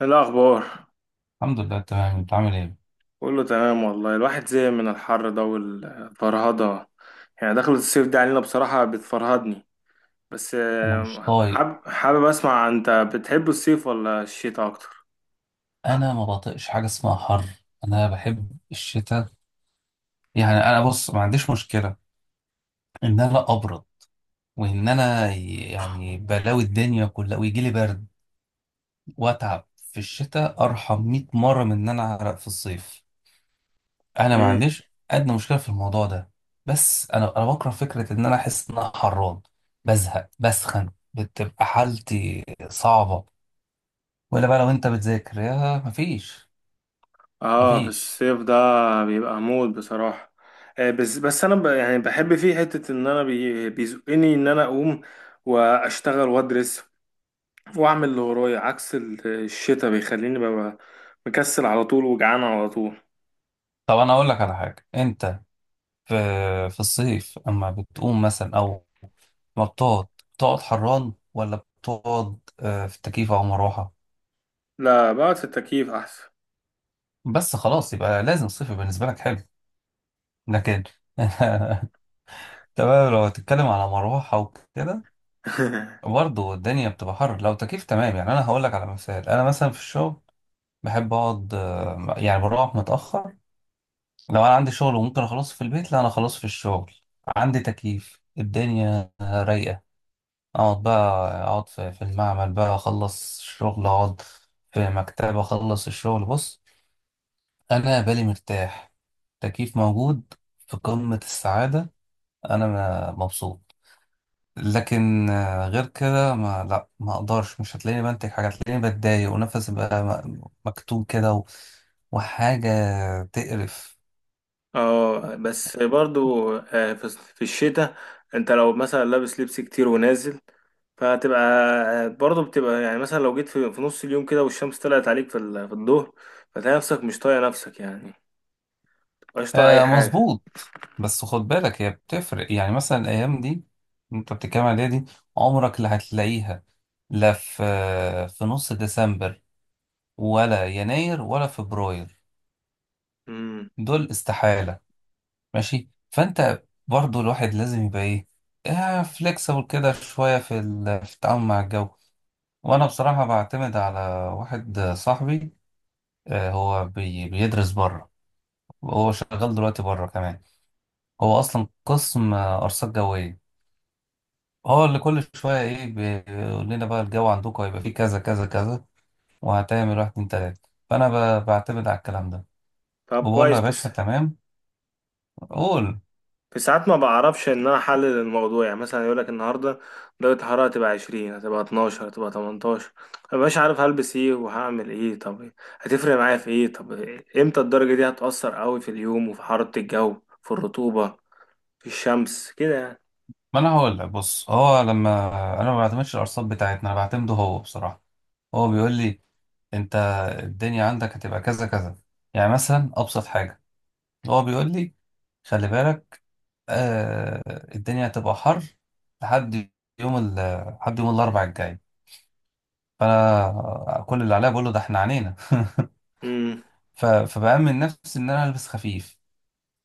إيه الأخبار؟ الحمد لله، تمام. انت عامل ايه؟ كله تمام والله، الواحد زهق من الحر ده والفرهدة. يعني دخلة الصيف دي علينا بصراحة بتفرهدني. بس انا مش طايق. حابب أسمع، أنت بتحب الصيف ولا الشتاء أكتر؟ انا ما بطيقش حاجه اسمها حر. انا بحب الشتاء. يعني انا بص، ما عنديش مشكله ان انا ابرد وان انا يعني بلاوي الدنيا كلها ويجي لي برد، واتعب في الشتاء ارحم 100 مره من ان انا اعرق في الصيف. انا ما مم. عنديش ادنى مشكله في الموضوع ده. بس انا بكره فكره ان انا احس ان انا حران، بزهق، بسخن، بتبقى حالتي صعبه. ولا بقى لو انت بتذاكر، يا مفيش. آه، في مفيش. الصيف ده بيبقى موت بصراحة. بس أنا يعني بحب فيه حتة إن أنا بيزقني إن أنا أقوم وأشتغل وأدرس وأعمل اللي ورايا، عكس الشتاء بيخليني ببقى مكسل على طول وجعان على طول. طب انا اقول لك على حاجه. انت في في الصيف اما بتقوم مثلا او ما بتقعد، بتقعد حران، ولا بتقعد في تكييف او مروحه؟ لا، بقعد في التكييف احسن. بس خلاص، يبقى لازم الصيف يبقى بالنسبه لك حلو. لكن تمام، لو هتتكلم على مروحه وكده، برضه الدنيا بتبقى حر. لو تكييف، تمام. يعني انا هقول لك على مثال. انا مثلا في الشغل بحب اقعد، يعني بروح متاخر. لو انا عندي شغل وممكن اخلصه في البيت، لا انا اخلصه في الشغل. عندي تكييف، الدنيا رايقه، اقعد بقى. اقعد في المعمل بقى، اخلص الشغل، اقعد في مكتب، اخلص الشغل. بص، انا بالي مرتاح، تكييف موجود، في قمة السعادة. انا مبسوط. لكن غير كده، ما اقدرش، مش هتلاقيني بنتج حاجة، هتلاقيني بتضايق ونفسي بقى مكتوم كده، وحاجة تقرف. اه بس برضو، في الشتاء انت لو مثلا لابس لبس كتير ونازل، فهتبقى برضه بتبقى يعني، مثلا لو جيت في نص اليوم كده والشمس طلعت عليك في الظهر، فتلاقي نفسك مش طايق نفسك يعني، مش طايق اي آه حاجه. مظبوط، بس خد بالك، هي بتفرق. يعني مثلا الايام دي انت بتتكلم عليها دي، عمرك لا هتلاقيها. لا، في نص ديسمبر، ولا يناير ولا فبراير، امم. دول استحالة. ماشي. فانت برضو الواحد لازم يبقى ايه، فليكسبل كده شوية، في التعامل مع الجو. وانا بصراحة بعتمد على واحد صاحبي. آه، هو بيدرس بره، وهو شغال دلوقتي بره كمان. هو اصلا قسم ارصاد جوية. هو اللي كل شوية ايه بيقول لنا بقى الجو عندكم هيبقى فيه كذا كذا كذا، وهتعمل واحد اتنين تلاتة. فأنا بعتمد على الكلام ده، طب وبقول له كويس، يا بس باشا تمام، قول. في ساعات ما بعرفش ان انا احلل الموضوع. يعني مثلا يقول لك النهارده درجه الحراره هتبقى 20، هتبقى 12، هتبقى 18. مبقاش عارف هلبس ايه وهعمل ايه. طب هتفرق معايا في ايه؟ طب امتى الدرجه دي هتأثر قوي في اليوم وفي حراره الجو، في الرطوبه، في الشمس كده يعني. ما أنا هقول لك. بص، هو لما... أنا ما بعتمدش الأرصاد بتاعتنا، أنا بعتمده هو بصراحة. هو بيقول لي أنت الدنيا عندك هتبقى كذا كذا. يعني مثلا أبسط حاجة، هو بيقول لي خلي بالك، آه، الدنيا هتبقى حر لحد... يوم ال لحد يوم الأربع الجاي. فأنا كل اللي عليا بقول له ده احنا عنينا. امم. فبأمن نفسي إن أنا ألبس خفيف.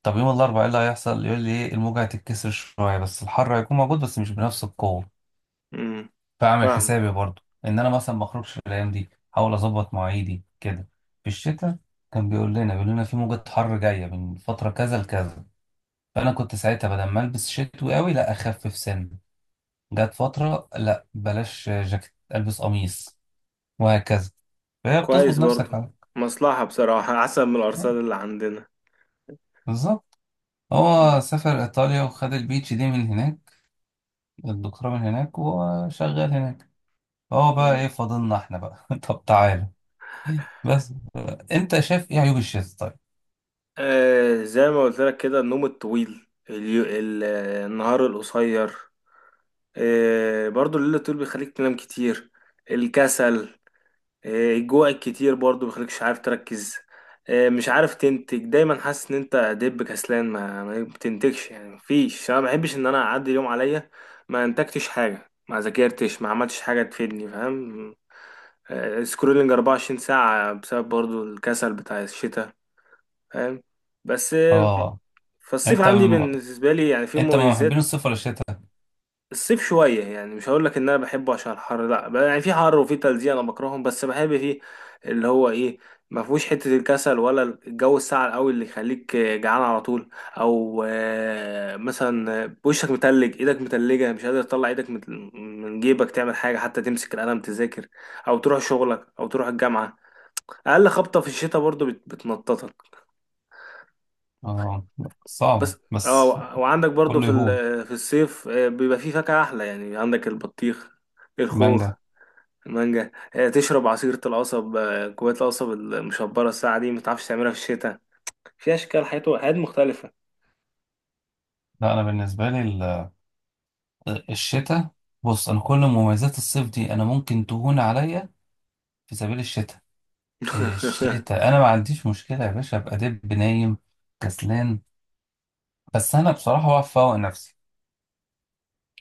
طب يوم الأربعاء إيه اللي هيحصل؟ يقول لي إيه، الموجة هتتكسر شوية، بس الحر هيكون موجود بس مش بنفس القوة. امم. فأعمل فاهمك، حسابي اه. برضو إن أنا مثلا ما أخرجش الأيام دي، أحاول أظبط مواعيدي كده. في الشتاء كان بيقول لنا في موجة حر جاية من فترة كذا لكذا. فأنا كنت ساعتها بدل ما ألبس شتوي قوي، لا أخفف سن، جت فترة لا بلاش جاكيت، ألبس قميص، وهكذا. فهي بتظبط كويس نفسك برضه، على... مصلحه بصراحه احسن من آه، الارصاد اللي عندنا. بالظبط. هو آه. سافر إيطاليا وخد البيتش دي من هناك، الدكتوراه من هناك وشغال هناك. هو بقى مم. إيه فاضلنا إحنا بقى؟ طب تعالى. بس أنت شايف إيه عيوب الشتاء طيب؟ آه، زي ما قلت لك كده، النوم الطويل، اليو... ال... آه، النهار القصير، إيه برضو الليل الطويل بيخليك تنام كتير، الكسل، إيه الجوع الكتير برضو بيخليكش عارف تركز، إيه مش عارف تنتج، دايما حاسس ان انت دب كسلان، ما بتنتجش يعني. مفيش، انا ما بحبش ان انا اعدي اليوم عليا ما انتجتش حاجة، ما ذاكرتش، ما عملتش حاجة تفيدني، فاهم؟ إيه سكرولينج 24 ساعة بسبب برضو الكسل بتاع الشتاء، فاهم؟ بس إيه، آه. فالصيف أنت عندي من بالنسبة لي يعني فيه أنت من محبين مميزات. الصيف ولا الشتاء؟ الصيف شوية، يعني مش هقول لك ان انا بحبه عشان الحر، لا بقى، يعني في حر وفي تلزيق انا بكرههم، بس بحب فيه اللي هو ايه، ما فيهوش حتة الكسل ولا الجو الساقع قوي اللي يخليك جعان على طول، او مثلا وشك متلج، ايدك متلجة، مش قادر تطلع ايدك من من جيبك تعمل حاجة حتى، تمسك القلم تذاكر، او تروح شغلك، او تروح الجامعة. اقل خبطة في الشتاء برضو بتنططك. آه، صعبة بس بس. اه. وعندك برضو كله في يهون. في الصيف، بيبقى فيه فاكهة احلى، يعني عندك البطيخ، الخوخ، مانجا. مانجا، تشرب عصيرة القصب، كوباية القصب المشبرة الساعة دي متعرفش تعملها في الشتاء. في أشكال حياة مختلفة. لا أنا بالنسبة لي الشتاء. بص، أنا كل مميزات الصيف دي أنا ممكن تهون عليا في سبيل الشتاء. الشتاء أنا ما عنديش مشكلة يا باشا أبقى دب نايم كسلان. بس انا بصراحه بفوق نفسي.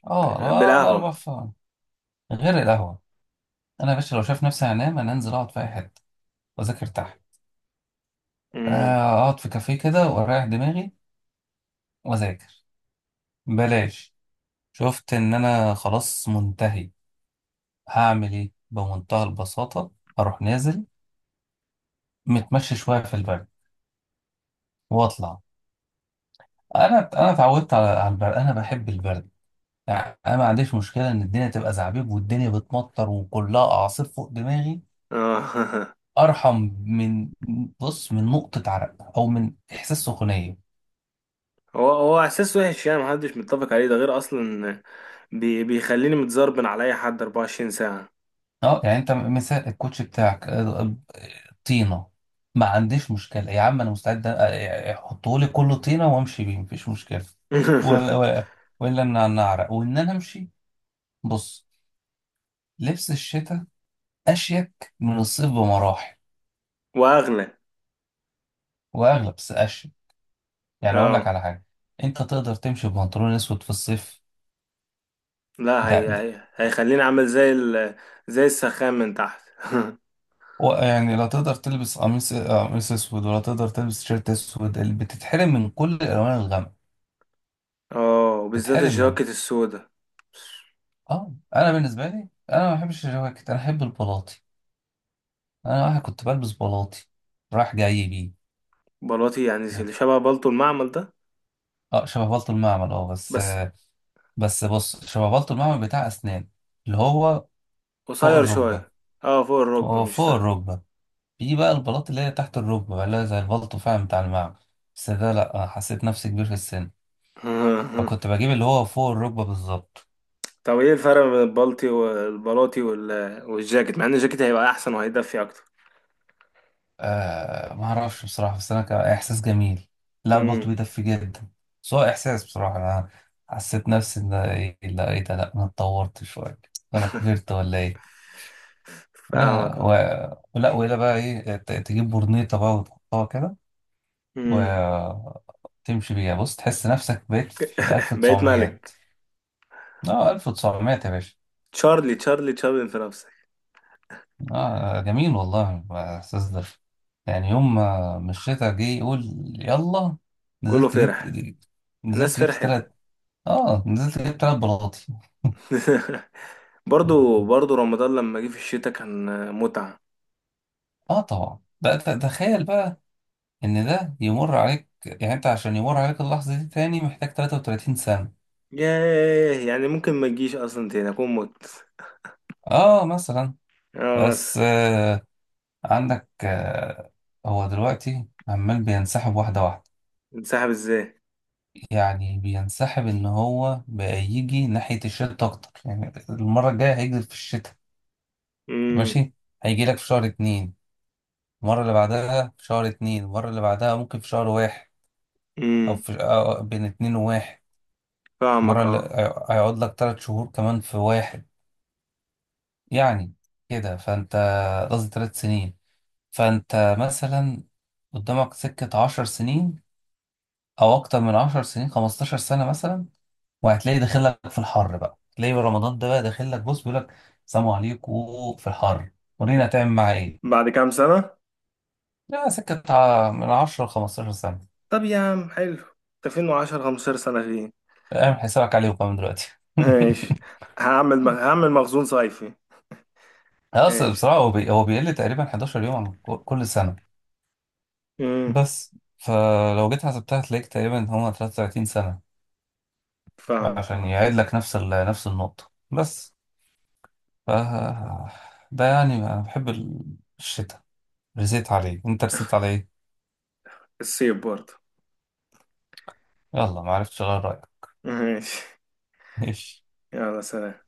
اه. لا انا بالقهوة. بفوق غير القهوه. انا يا باشا لو شايف نفسي هنام، انا انزل اقعد في اي حته واذاكر تحت. امم. آه، اقعد في كافيه كده واريح دماغي واذاكر. بلاش، شفت ان انا خلاص منتهي؟ هعمل ايه بمنتهى البساطه، هروح نازل، متمشى شويه في البرد، واطلع. انا اتعودت على البرد، انا بحب البرد. يعني انا ما عنديش مشكله ان الدنيا تبقى زعبيب والدنيا بتمطر وكلها اعاصير فوق دماغي، اه. ارحم من... بص، من نقطه عرق او من احساس سخونيه. هو هو إحساس وحش يعني، محدش متفق عليه ده غير أصلا، بيخليني متزربن على أي حد 24 ساعة. اه. يعني انت مثال الكوتش بتاعك، طينه. ما عنديش مشكله يا عم، انا مستعد احطه لي كله طينه وامشي بيه، مفيش مشكله. ولا ولا ولا ان انا اعرق وان انا امشي. بص، لبس الشتاء اشيك من الصيف بمراحل، وأغلى. واغلب، بس اشيك. يعني اقول لك اه. على حاجه، انت تقدر تمشي ببنطلون اسود في الصيف؟ لا، ده هي هيخليني عامل زي ال، زي السخان من تحت. يعني لا، تقدر تلبس قميص اسود؟ ولا تقدر تلبس تيشيرت اسود؟ اللي بتتحرم من كل الالوان الغامقه، اه، وبالذات بتتحرم منها. الجاكيت السودا. اه، انا بالنسبه لي انا ما بحبش الجواكت، انا احب البلاطي. انا واحد كنت بلبس بلاطي رايح جاي بيه. بلاطي يعني اللي شبه بلطو المعمل. اه شبه بلطو المعمل. اه، بس بس آه... بس بص، شبه بلطو المعمل بتاع اسنان، اللي هو فوق قصير الركبه. شوية. اه، فوق الركبة هو مش فوق تحت. الركبه. في بقى البلاطي اللي هي تحت الركبه بقى، اللي هي زي البلطو فعلا بتاع المعمل، بس ده لا، أنا حسيت نفسي كبير في السن، فكنت بجيب اللي هو فوق الركبه بالظبط. طب ايه الفرق بين البلطي والبلاطي والجاكيت، مع ان الجاكيت هيبقى احسن وهيدفي اكتر. آه ما اعرفش بصراحه، بس انا كان احساس جميل. لا البلط امم. بيدفي جدا، بس هو احساس بصراحه. انا حسيت نفسي ان... لا ايه ده، لا انا اتطورت شويه، انا كبرت ولا ايه. فاهمك لا و... اه. لا ولا بقى ايه، تجيب برنيطه بقى وتحطها كده امم. وتمشي بيها. بص، تحس نفسك بقيت في الألف بقيت وتسعميات. ملك. اه، ألف وتسعميات يا باشا. تشارلي تشارلي تشارلي في نفسك. آه جميل والله الإحساس ده. يعني يوم ما مش شتا جه يقول يلا، كله نزلت فرح. جبت... الناس نزلت جبت فرحت. تلات... آه، نزلت جبت 3 بلاطي. برضو برضو، رمضان لما جه في الشتاء كان متعة. آه طبعا. ده تخيل بقى إن ده يمر عليك. يعني أنت عشان يمر عليك اللحظة دي تاني محتاج 33 سنة. ياه، يعني ممكن ما تجيش اصلا تاني، اكون مت. آه مثلا. اه مثلا. بس آه، عندك آه، هو دلوقتي عمال بينسحب واحدة واحدة. انسحب ازاي؟ يعني بينسحب ان هو بقى يجي ناحية الشتاء اكتر. يعني المرة الجاية هيجي في الشتاء، امم. ماشي. هيجي لك في شهر اتنين. المرة اللي بعدها في شهر اتنين، المرة اللي بعدها ممكن في شهر واحد، او امم. في أو بين اتنين وواحد. المرة فاهمك اه. هيقعد لك 3 شهور كمان في واحد. يعني كده فانت... قصدي 3 سنين. فانت مثلا قدامك سكة 10 سنين، او اكتر من 10 سنين، 15 سنة مثلا. وهتلاقي داخل لك في الحر بقى، تلاقي رمضان ده بقى داخل لك، بص، بيقول لك سلام عليكم في الحر، ورينا هتعمل معاه ايه. بعد كام سنة؟ لا، سكة من 10 ل 15 سنة. طب يا عم حلو. انت وعشر خمستاشر سنة فين؟ اعمل حسابك عليه وكمان دلوقتي. ماشي. هعمل مخزون صيفي. اصل ماشي. بصراحة هو بيقل تقريبا 11 يوم عن كل سنة. امم. بس فلو جيت حسبتها، هتلاقيك تقريبا هما 33 سنة فاهمك عشان اه. يعيد لك نفس نفس النقطة بس. ف... ده يعني انا بحب الشتاء. رسيت عليه. انت رسيت على ايه؟ الصيف برضه. يلا ما عرفتش اغير رأيك. ماشي. ماشي. يلا سلام.